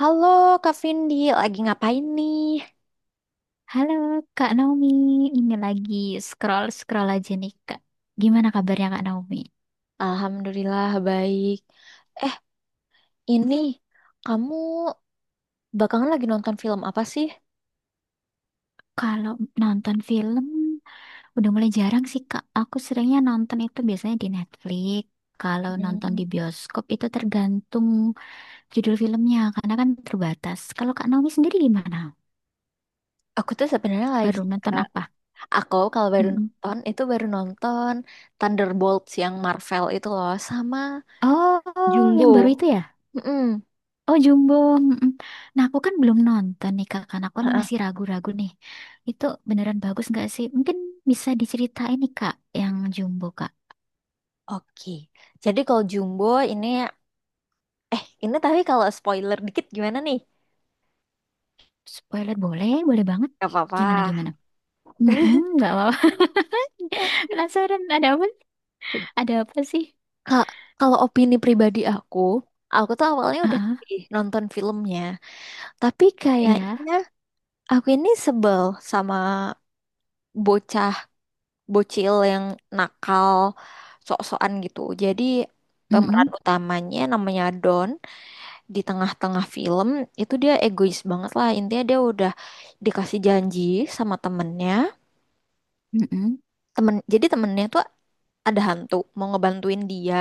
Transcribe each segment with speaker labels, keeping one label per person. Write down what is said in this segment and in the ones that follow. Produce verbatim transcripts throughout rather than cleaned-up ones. Speaker 1: Halo Kak Vindi, lagi ngapain nih?
Speaker 2: Halo Kak Naomi, ini lagi scroll-scroll aja nih Kak. Gimana kabarnya Kak Naomi?
Speaker 1: Alhamdulillah baik. Eh, ini kamu bakalan lagi nonton film apa sih?
Speaker 2: Kalau nonton film, udah mulai jarang sih Kak. Aku seringnya nonton itu biasanya di Netflix. Kalau nonton di
Speaker 1: Hmm,
Speaker 2: bioskop itu tergantung judul filmnya, karena kan terbatas. Kalau Kak Naomi sendiri gimana?
Speaker 1: aku tuh sebenarnya lagi
Speaker 2: Baru nonton
Speaker 1: nggak.
Speaker 2: apa?
Speaker 1: Aku kalau baru
Speaker 2: Mm-mm.
Speaker 1: nonton itu baru nonton Thunderbolts yang Marvel itu loh sama
Speaker 2: Oh, yang baru
Speaker 1: Jumbo.
Speaker 2: itu ya?
Speaker 1: Mm-mm.
Speaker 2: Oh Jumbo, mm-mm. Nah aku kan belum nonton nih Kak, karena aku kan
Speaker 1: Heeh.
Speaker 2: masih ragu-ragu nih. Itu beneran bagus nggak sih? Mungkin bisa diceritain nih Kak, yang Jumbo Kak.
Speaker 1: Oke. Jadi kalau Jumbo ini eh ini tapi kalau spoiler dikit gimana nih?
Speaker 2: Spoiler boleh, boleh banget.
Speaker 1: Gak apa-apa.
Speaker 2: Gimana gimana? Mm-mm, nggak apa-apa. Penasaran ada apa? Ada apa sih?
Speaker 1: Kak, kalau opini pribadi aku, aku tuh awalnya udah
Speaker 2: Ah,
Speaker 1: sih nonton filmnya, tapi
Speaker 2: iya.
Speaker 1: kayaknya aku ini sebel sama bocah bocil yang nakal, sok-sokan gitu. Jadi pemeran
Speaker 2: Mm-mm,
Speaker 1: utamanya namanya Don, di tengah-tengah film itu dia egois banget lah. Intinya dia udah dikasih janji sama temennya,
Speaker 2: mm-mm,
Speaker 1: temen jadi temennya tuh ada hantu mau ngebantuin dia.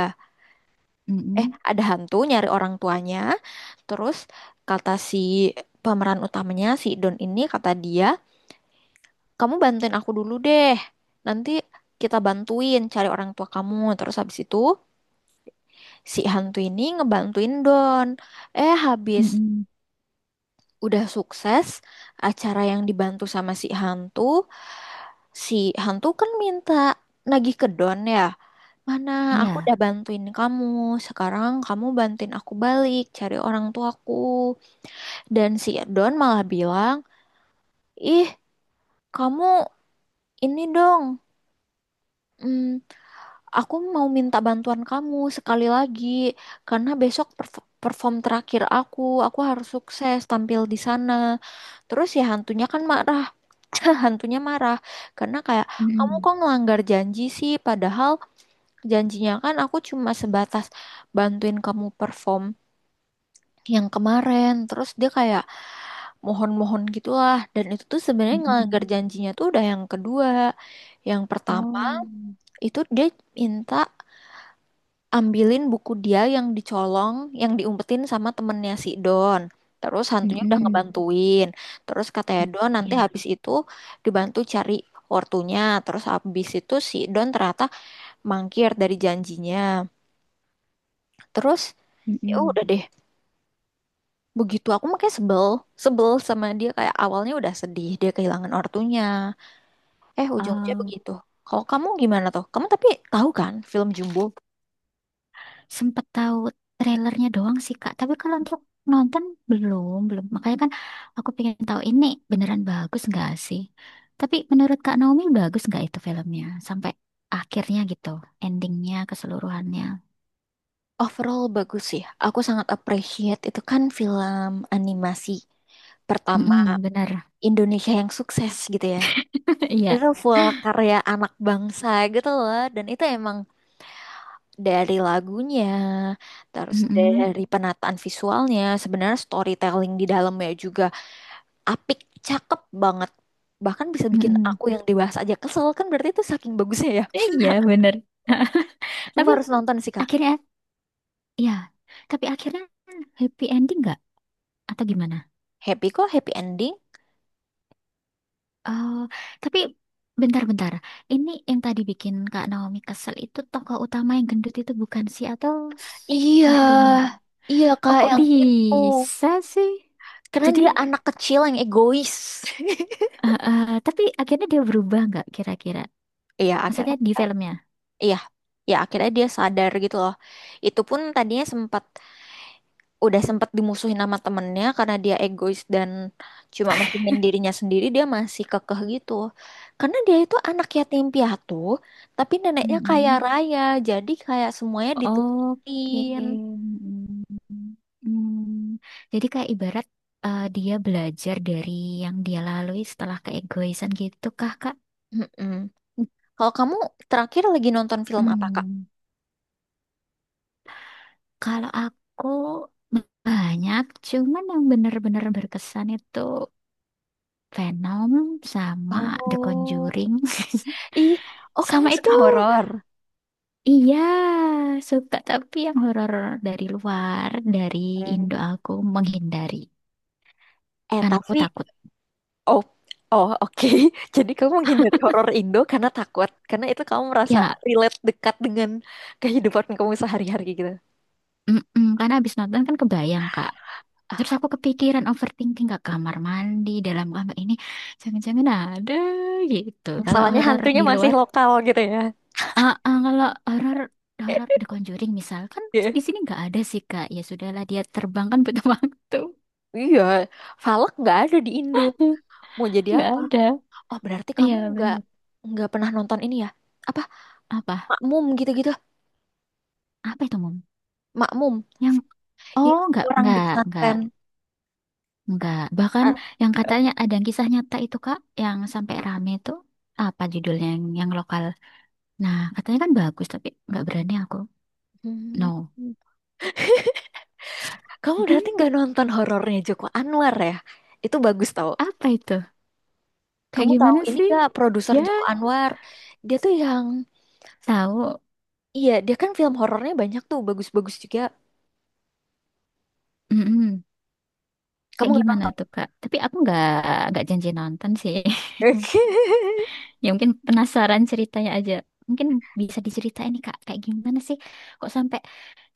Speaker 1: eh
Speaker 2: mm-mm,
Speaker 1: ada hantu nyari orang tuanya, terus kata si pemeran utamanya si Don, ini kata dia, kamu bantuin aku dulu deh, nanti kita bantuin cari orang tua kamu. Terus habis itu si hantu ini ngebantuin Don. Eh habis
Speaker 2: mm-mm.
Speaker 1: udah sukses acara yang dibantu sama si hantu, si hantu kan minta, nagih ke Don ya. Mana aku
Speaker 2: Iya.
Speaker 1: udah bantuin kamu, sekarang kamu bantuin aku balik, cari orang tuaku. Dan si Don malah bilang, ih kamu ini dong, mm, aku mau minta bantuan kamu sekali lagi karena besok perf- perform terakhir aku, aku harus sukses tampil di sana. Terus ya hantunya kan marah. Hantunya marah karena kayak, kamu
Speaker 2: Mm-mm,
Speaker 1: kok ngelanggar janji sih, padahal janjinya kan aku cuma sebatas bantuin kamu perform yang kemarin. Terus dia kayak mohon-mohon gitulah, dan itu tuh sebenarnya
Speaker 2: mm-mm.
Speaker 1: ngelanggar janjinya tuh udah yang kedua. Yang pertama
Speaker 2: Oh.
Speaker 1: itu dia minta ambilin buku dia yang dicolong, yang diumpetin sama temennya si Don, terus hantunya udah
Speaker 2: Mm-mm.
Speaker 1: ngebantuin. Terus katanya Don nanti
Speaker 2: Iya.
Speaker 1: habis itu dibantu cari ortunya. Terus habis itu si Don ternyata mangkir dari janjinya. Terus ya
Speaker 2: Mm-mm.
Speaker 1: udah deh, begitu. Aku makanya sebel sebel sama dia, kayak awalnya udah sedih dia kehilangan ortunya, Eh, ujung-ujungnya
Speaker 2: Oh.
Speaker 1: begitu. Kalau kamu gimana tuh? Kamu tapi tahu kan film Jumbo?
Speaker 2: sempet tahu trailernya doang sih Kak. Tapi kalau untuk nonton belum, belum. Makanya kan aku pengen tahu ini beneran bagus nggak sih? Tapi menurut Kak Naomi bagus nggak itu filmnya sampai akhirnya gitu, endingnya keseluruhannya.
Speaker 1: Overall bagus sih. Aku sangat appreciate, itu kan film animasi pertama
Speaker 2: Mm-mm, bener.
Speaker 1: Indonesia yang sukses gitu ya.
Speaker 2: Iya.
Speaker 1: Itu full karya anak bangsa gitu loh. Dan itu emang dari lagunya, terus
Speaker 2: Mm-mm,
Speaker 1: dari penataan visualnya, sebenarnya storytelling di dalamnya juga apik, cakep banget. Bahkan bisa bikin
Speaker 2: mm-mm.
Speaker 1: aku yang dewasa aja kesel, kan berarti itu saking bagusnya ya.
Speaker 2: Eh, Iya bener.
Speaker 1: Cuma
Speaker 2: Tapi
Speaker 1: harus nonton sih Kak.
Speaker 2: akhirnya, ya. Tapi akhirnya happy ending nggak? Atau gimana?
Speaker 1: Happy kok, happy ending?
Speaker 2: Oh, tapi bentar-bentar. Ini yang tadi bikin Kak Naomi kesel itu tokoh utama yang gendut itu bukan sih atau
Speaker 1: Iya,
Speaker 2: satunya?
Speaker 1: iya
Speaker 2: Oh,
Speaker 1: kak
Speaker 2: kok
Speaker 1: yang itu.
Speaker 2: bisa sih?
Speaker 1: Karena
Speaker 2: Jadi,
Speaker 1: dia anak kecil yang egois.
Speaker 2: eh, eh, tapi akhirnya dia berubah nggak kira-kira?
Speaker 1: Iya, akhirnya,
Speaker 2: Maksudnya di filmnya?
Speaker 1: iya, ya akhirnya dia sadar gitu loh. Itu pun tadinya sempat udah sempat dimusuhin sama temennya karena dia egois dan cuma mentingin dirinya sendiri, dia masih kekeh gitu. Karena dia itu anak yatim piatu, tapi neneknya kaya
Speaker 2: Mm-mm.
Speaker 1: raya, jadi kayak semuanya
Speaker 2: Oke.
Speaker 1: diturutin.
Speaker 2: Mm-mm. Mm. Jadi kayak ibarat eh, dia belajar dari yang dia lalui setelah keegoisan gitu kah, Kak?
Speaker 1: Mm-mm. Kalau kamu terakhir lagi nonton film apa, Kak?
Speaker 2: Hmm. Kalau aku Banyak, cuman yang bener-bener berkesan itu Venom sama The
Speaker 1: Oh.
Speaker 2: Conjuring.
Speaker 1: Ih. Oh, kamu
Speaker 2: Sama itu,
Speaker 1: suka horor.
Speaker 2: iya, suka tapi yang horor dari luar, dari
Speaker 1: Hmm.
Speaker 2: Indo aku menghindari.
Speaker 1: Eh,
Speaker 2: Karena aku
Speaker 1: tapi
Speaker 2: takut.
Speaker 1: oh, oh, oke. Jadi kamu menghindari horor Indo karena takut, karena itu kamu merasa
Speaker 2: Ya,
Speaker 1: relate dekat dengan kehidupan kamu sehari-hari gitu.
Speaker 2: mm-mm, karena habis nonton kan kebayang, Kak. Terus aku kepikiran overthinking ke kamar mandi, dalam kamar ini. Jangan-jangan ada gitu. Kalau
Speaker 1: Masalahnya
Speaker 2: horor
Speaker 1: hantunya
Speaker 2: di
Speaker 1: masih
Speaker 2: luar,
Speaker 1: lokal gitu ya.
Speaker 2: ah, ah, kalau horor
Speaker 1: Eh,
Speaker 2: horor The Conjuring misal kan
Speaker 1: iya,
Speaker 2: di sini nggak ada sih Kak. Ya sudahlah dia terbang kan butuh waktu.
Speaker 1: iya, Valak nggak ada di Indo. Mau jadi
Speaker 2: Nggak
Speaker 1: apa?
Speaker 2: ada.
Speaker 1: Oh, berarti kamu
Speaker 2: Iya
Speaker 1: nggak
Speaker 2: bener.
Speaker 1: nggak pernah nonton ini ya? Apa
Speaker 2: Apa?
Speaker 1: Makmum gitu-gitu?
Speaker 2: Apa itu Mom?
Speaker 1: Makmum.
Speaker 2: Yang
Speaker 1: Iya,
Speaker 2: oh, nggak,
Speaker 1: kurang di
Speaker 2: nggak, nggak,
Speaker 1: pesantren.
Speaker 2: nggak. Bahkan
Speaker 1: Ah.
Speaker 2: yang katanya ada yang kisah nyata itu Kak, yang sampai rame itu apa judulnya yang, yang lokal. Nah katanya kan bagus tapi nggak berani aku.
Speaker 1: Hmm.
Speaker 2: No.
Speaker 1: Kamu berarti nggak nonton horornya Joko Anwar ya? Itu bagus tau.
Speaker 2: Apa itu? Kayak
Speaker 1: Kamu tahu
Speaker 2: gimana
Speaker 1: ini
Speaker 2: sih?
Speaker 1: nggak produser
Speaker 2: Ya
Speaker 1: Joko Anwar? Dia tuh yang,
Speaker 2: tahu.
Speaker 1: iya dia kan film horornya banyak tuh, bagus-bagus juga.
Speaker 2: Mm-mm.
Speaker 1: Kamu
Speaker 2: Kayak
Speaker 1: nggak
Speaker 2: gimana
Speaker 1: nonton?
Speaker 2: tuh Kak? Tapi aku nggak nggak janji nonton sih. Ya mungkin penasaran ceritanya aja. Mungkin bisa diceritain nih Kak, kayak gimana sih kok sampai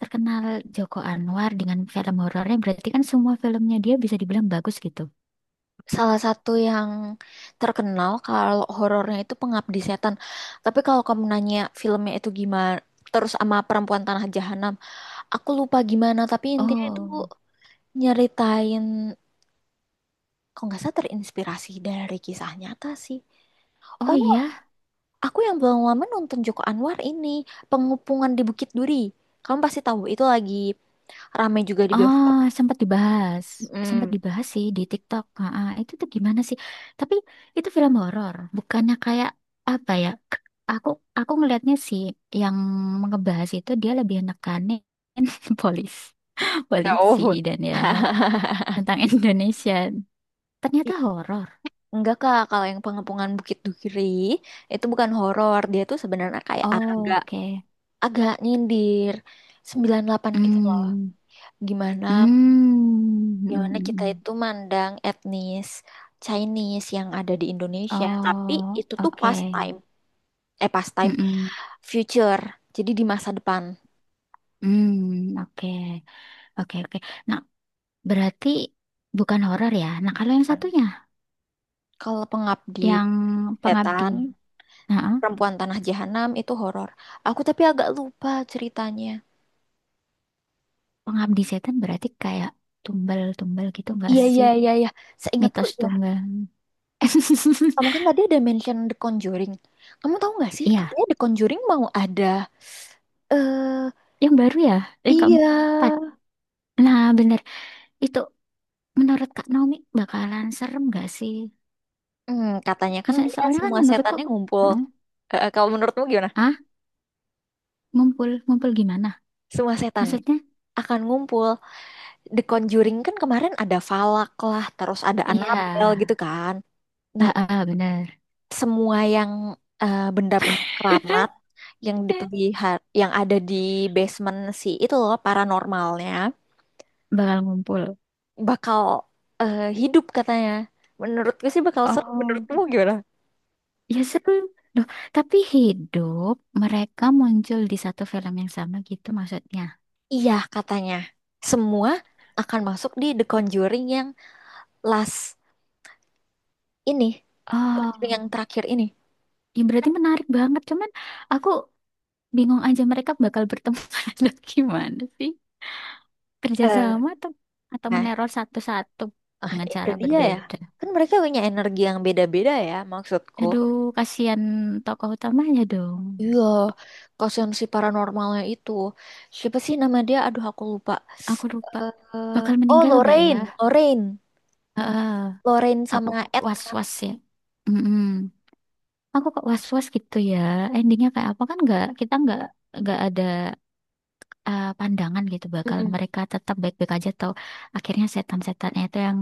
Speaker 2: terkenal Joko Anwar dengan film horornya? Berarti kan semua filmnya dia bisa dibilang bagus gitu.
Speaker 1: Salah satu yang terkenal kalau horornya itu Pengabdi Setan. Tapi kalau kamu nanya filmnya itu gimana, terus sama Perempuan Tanah Jahanam, aku lupa gimana. Tapi intinya itu
Speaker 2: Oh,
Speaker 1: nyeritain, kalau nggak salah terinspirasi dari kisah nyata sih.
Speaker 2: oh
Speaker 1: Oh,
Speaker 2: iya.
Speaker 1: aku yang belum lama nonton Joko Anwar ini, Pengepungan di Bukit Duri. Kamu pasti tahu, itu lagi rame juga di
Speaker 2: oh
Speaker 1: bioskop.
Speaker 2: sempat dibahas. Sempat
Speaker 1: Mm.
Speaker 2: dibahas sih di TikTok. Ah, ah, itu tuh gimana sih? Tapi itu film horor, bukannya kayak apa ya? k- Aku aku ngelihatnya sih yang ngebahas itu dia lebih nekanin polis, polisi
Speaker 1: Oh.
Speaker 2: dan ya tentang Indonesia. Ternyata
Speaker 1: I-
Speaker 2: horor.
Speaker 1: Enggak kak, kalau yang Pengepungan Bukit Duri itu bukan horor, dia tuh sebenarnya kayak
Speaker 2: Oh,
Speaker 1: agak
Speaker 2: Oke.
Speaker 1: agak nyindir sembilan delapan gitu loh.
Speaker 2: Hmm.
Speaker 1: Gimana
Speaker 2: Hmm. Mm, mm,
Speaker 1: gimana kita
Speaker 2: mm.
Speaker 1: itu mandang etnis Chinese yang ada di Indonesia, tapi
Speaker 2: Oh,
Speaker 1: itu tuh pastime.
Speaker 2: oke.
Speaker 1: Eh
Speaker 2: Mm,
Speaker 1: pastime,
Speaker 2: mm.
Speaker 1: future, jadi di masa depan.
Speaker 2: Hmm, oke. Oke, oke. nah berarti bukan horor ya. Nah, kalau yang satunya,
Speaker 1: Kalau Pengabdi
Speaker 2: yang pengabdi.
Speaker 1: Setan,
Speaker 2: Nah, eh,
Speaker 1: Perempuan Tanah Jahanam itu horor. Aku tapi agak lupa ceritanya.
Speaker 2: pengabdi setan berarti kayak tumbal-tumbal gitu nggak
Speaker 1: Iya, iya,
Speaker 2: sih?
Speaker 1: iya, iya. Seingatku
Speaker 2: Mitos
Speaker 1: iya.
Speaker 2: tunggal.
Speaker 1: Kamu kan tadi ada mention The Conjuring. Kamu tahu nggak sih,
Speaker 2: Iya,
Speaker 1: katanya The Conjuring mau ada. Eh,
Speaker 2: yang baru ya, yang
Speaker 1: iya.
Speaker 2: keempat. Nah, bener. Itu menurut Kak Naomi bakalan serem nggak sih?
Speaker 1: Hmm, katanya kan
Speaker 2: Maksudnya
Speaker 1: dia
Speaker 2: soalnya kan
Speaker 1: semua
Speaker 2: menurutku,
Speaker 1: setannya ngumpul.
Speaker 2: eh,
Speaker 1: Eh, eh, kalau menurutmu gimana?
Speaker 2: ah, ngumpul ngumpul gimana?
Speaker 1: Semua setannya
Speaker 2: Maksudnya?
Speaker 1: akan ngumpul. The Conjuring kan kemarin ada Falak lah, terus ada
Speaker 2: Iya,
Speaker 1: Annabelle gitu kan. Nah,
Speaker 2: ah, ah, bener.
Speaker 1: semua yang eh, benda-benda keramat yang dipelihara yang ada di basement si itu loh paranormalnya
Speaker 2: Bakal ngumpul.
Speaker 1: bakal eh, hidup katanya. Menurutku sih bakal seru.
Speaker 2: Oh.
Speaker 1: Menurutmu gimana?
Speaker 2: Ya seru. Loh, tapi hidup mereka muncul di satu film yang sama gitu maksudnya.
Speaker 1: Iya katanya. Semua akan masuk di The Conjuring yang last ini. The Conjuring
Speaker 2: Oh,
Speaker 1: yang terakhir ini.
Speaker 2: ya berarti menarik banget. Cuman aku bingung aja mereka bakal bertemu atau gimana sih?
Speaker 1: Eh,
Speaker 2: Kerjasama atau atau
Speaker 1: nah,
Speaker 2: meneror satu-satu
Speaker 1: ah,
Speaker 2: dengan
Speaker 1: itu
Speaker 2: cara
Speaker 1: dia ya.
Speaker 2: berbeda.
Speaker 1: Kan mereka punya energi yang beda-beda ya maksudku.
Speaker 2: Aduh, kasihan tokoh utamanya dong.
Speaker 1: Iya, kasihan si paranormalnya itu. Siapa sih nama dia? Aduh, aku lupa.
Speaker 2: Aku lupa.
Speaker 1: eh
Speaker 2: Bakal
Speaker 1: oh,
Speaker 2: meninggal nggak ya?
Speaker 1: Lorraine, Lorraine,
Speaker 2: Heeh,
Speaker 1: Lorraine
Speaker 2: aku
Speaker 1: sama Ed.
Speaker 2: was-was ya. Mm-mm. Aku kok was-was gitu ya, endingnya kayak apa kan nggak, kita nggak nggak ada eh, pandangan gitu bakal
Speaker 1: Mm-mm.
Speaker 2: mereka tetap baik-baik aja atau akhirnya setan-setannya itu yang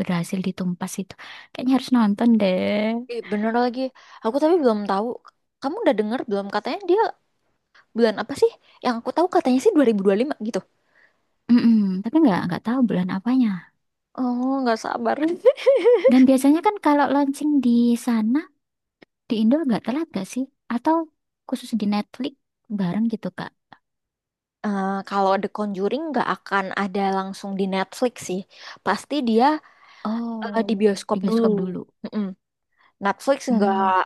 Speaker 2: berhasil ditumpas itu, kayaknya harus nonton deh.
Speaker 1: Ih, bener lagi. Aku tapi belum tahu. Kamu udah denger belum? Katanya dia bulan apa sih? Yang aku tahu katanya sih dua ribu dua puluh lima gitu.
Speaker 2: Mm-mm, tapi nggak nggak tahu bulan apanya,
Speaker 1: Oh, nggak sabar.
Speaker 2: dan biasanya kan kalau launching di sana di Indo nggak telat gak sih, atau khusus di Netflix bareng gitu Kak.
Speaker 1: Eh, kalau The Conjuring nggak akan ada langsung di Netflix sih. Pasti dia eh,
Speaker 2: Oh
Speaker 1: di bioskop
Speaker 2: di
Speaker 1: dulu.
Speaker 2: bioskop dulu.
Speaker 1: Mm-mm. Netflix nggak
Speaker 2: Hmm.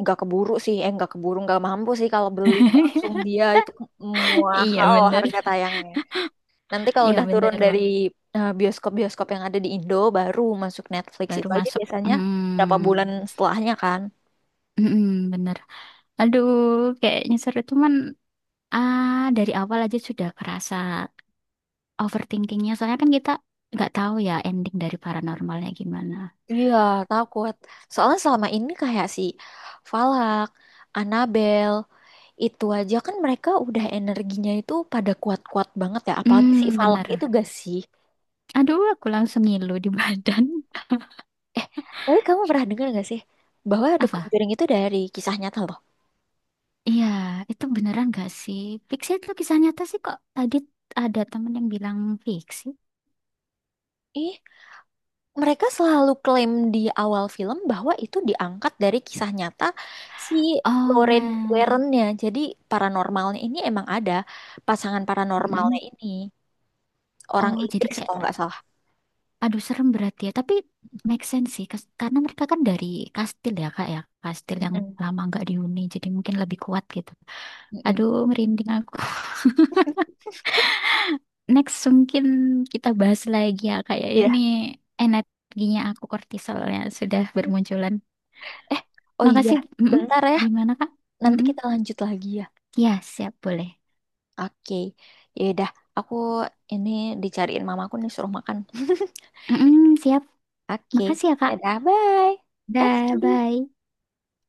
Speaker 1: nggak keburu sih, eh nggak keburu nggak mampu sih, kalau beli langsung dia itu
Speaker 2: Iya
Speaker 1: mahal
Speaker 2: bener,
Speaker 1: harga tayangnya. Nanti kalau
Speaker 2: iya
Speaker 1: udah turun
Speaker 2: bener
Speaker 1: dari eh, bioskop-bioskop yang ada di Indo baru masuk Netflix
Speaker 2: baru
Speaker 1: itu aja
Speaker 2: masuk.
Speaker 1: biasanya berapa
Speaker 2: Hmm,
Speaker 1: bulan setelahnya kan.
Speaker 2: mm-mm, bener. Aduh, kayaknya seru cuman ah dari awal aja sudah kerasa overthinkingnya. Soalnya kan kita nggak tahu ya ending dari paranormalnya gimana.
Speaker 1: Iya takut soalnya selama ini kayak si Falak, Annabelle itu aja kan mereka udah energinya itu pada kuat-kuat banget ya, apalagi si
Speaker 2: Hmm,
Speaker 1: Falak itu
Speaker 2: bener.
Speaker 1: gak sih.
Speaker 2: Aduh, aku langsung ngilu di badan.
Speaker 1: Eh tapi kamu pernah dengar gak sih bahwa The
Speaker 2: Apa?
Speaker 1: Conjuring itu dari kisah nyata loh.
Speaker 2: Iya, itu beneran gak sih? Fiksi itu kisah nyata sih kok. Tadi ada temen yang bilang fiksi.
Speaker 1: Ih, mereka selalu klaim di awal film bahwa itu diangkat dari kisah nyata si
Speaker 2: Oh,
Speaker 1: Lorraine
Speaker 2: man.
Speaker 1: Warren-nya. Jadi paranormalnya ini emang ada, pasangan paranormalnya
Speaker 2: Mm-mm.
Speaker 1: ini orang
Speaker 2: Oh, jadi
Speaker 1: Inggris
Speaker 2: kayak
Speaker 1: kalau nggak salah.
Speaker 2: aduh, serem berarti ya. Tapi make sense sih, kas- karena mereka kan dari kastil ya, Kak ya. Kastil yang
Speaker 1: Mm.
Speaker 2: lama nggak dihuni, jadi mungkin lebih kuat gitu.
Speaker 1: Mm-mm.
Speaker 2: Aduh, merinding aku. Next, mungkin kita bahas lagi ya, Kak ya. Ini
Speaker 1: Iya.
Speaker 2: energinya aku, kortisolnya sudah bermunculan.
Speaker 1: Eh, oh iya,
Speaker 2: Makasih. Mm-mm.
Speaker 1: bentar ya.
Speaker 2: Gimana, Kak?
Speaker 1: Nanti
Speaker 2: Mm-mm.
Speaker 1: kita lanjut lagi ya.
Speaker 2: Ya, siap, boleh.
Speaker 1: Oke, ya udah. Aku ini dicariin mamaku nih suruh makan.
Speaker 2: Mm-mm, siap.
Speaker 1: Oke,
Speaker 2: Makasih ya, Kak.
Speaker 1: dadah, bye.
Speaker 2: Dah,
Speaker 1: Makasih.
Speaker 2: bye.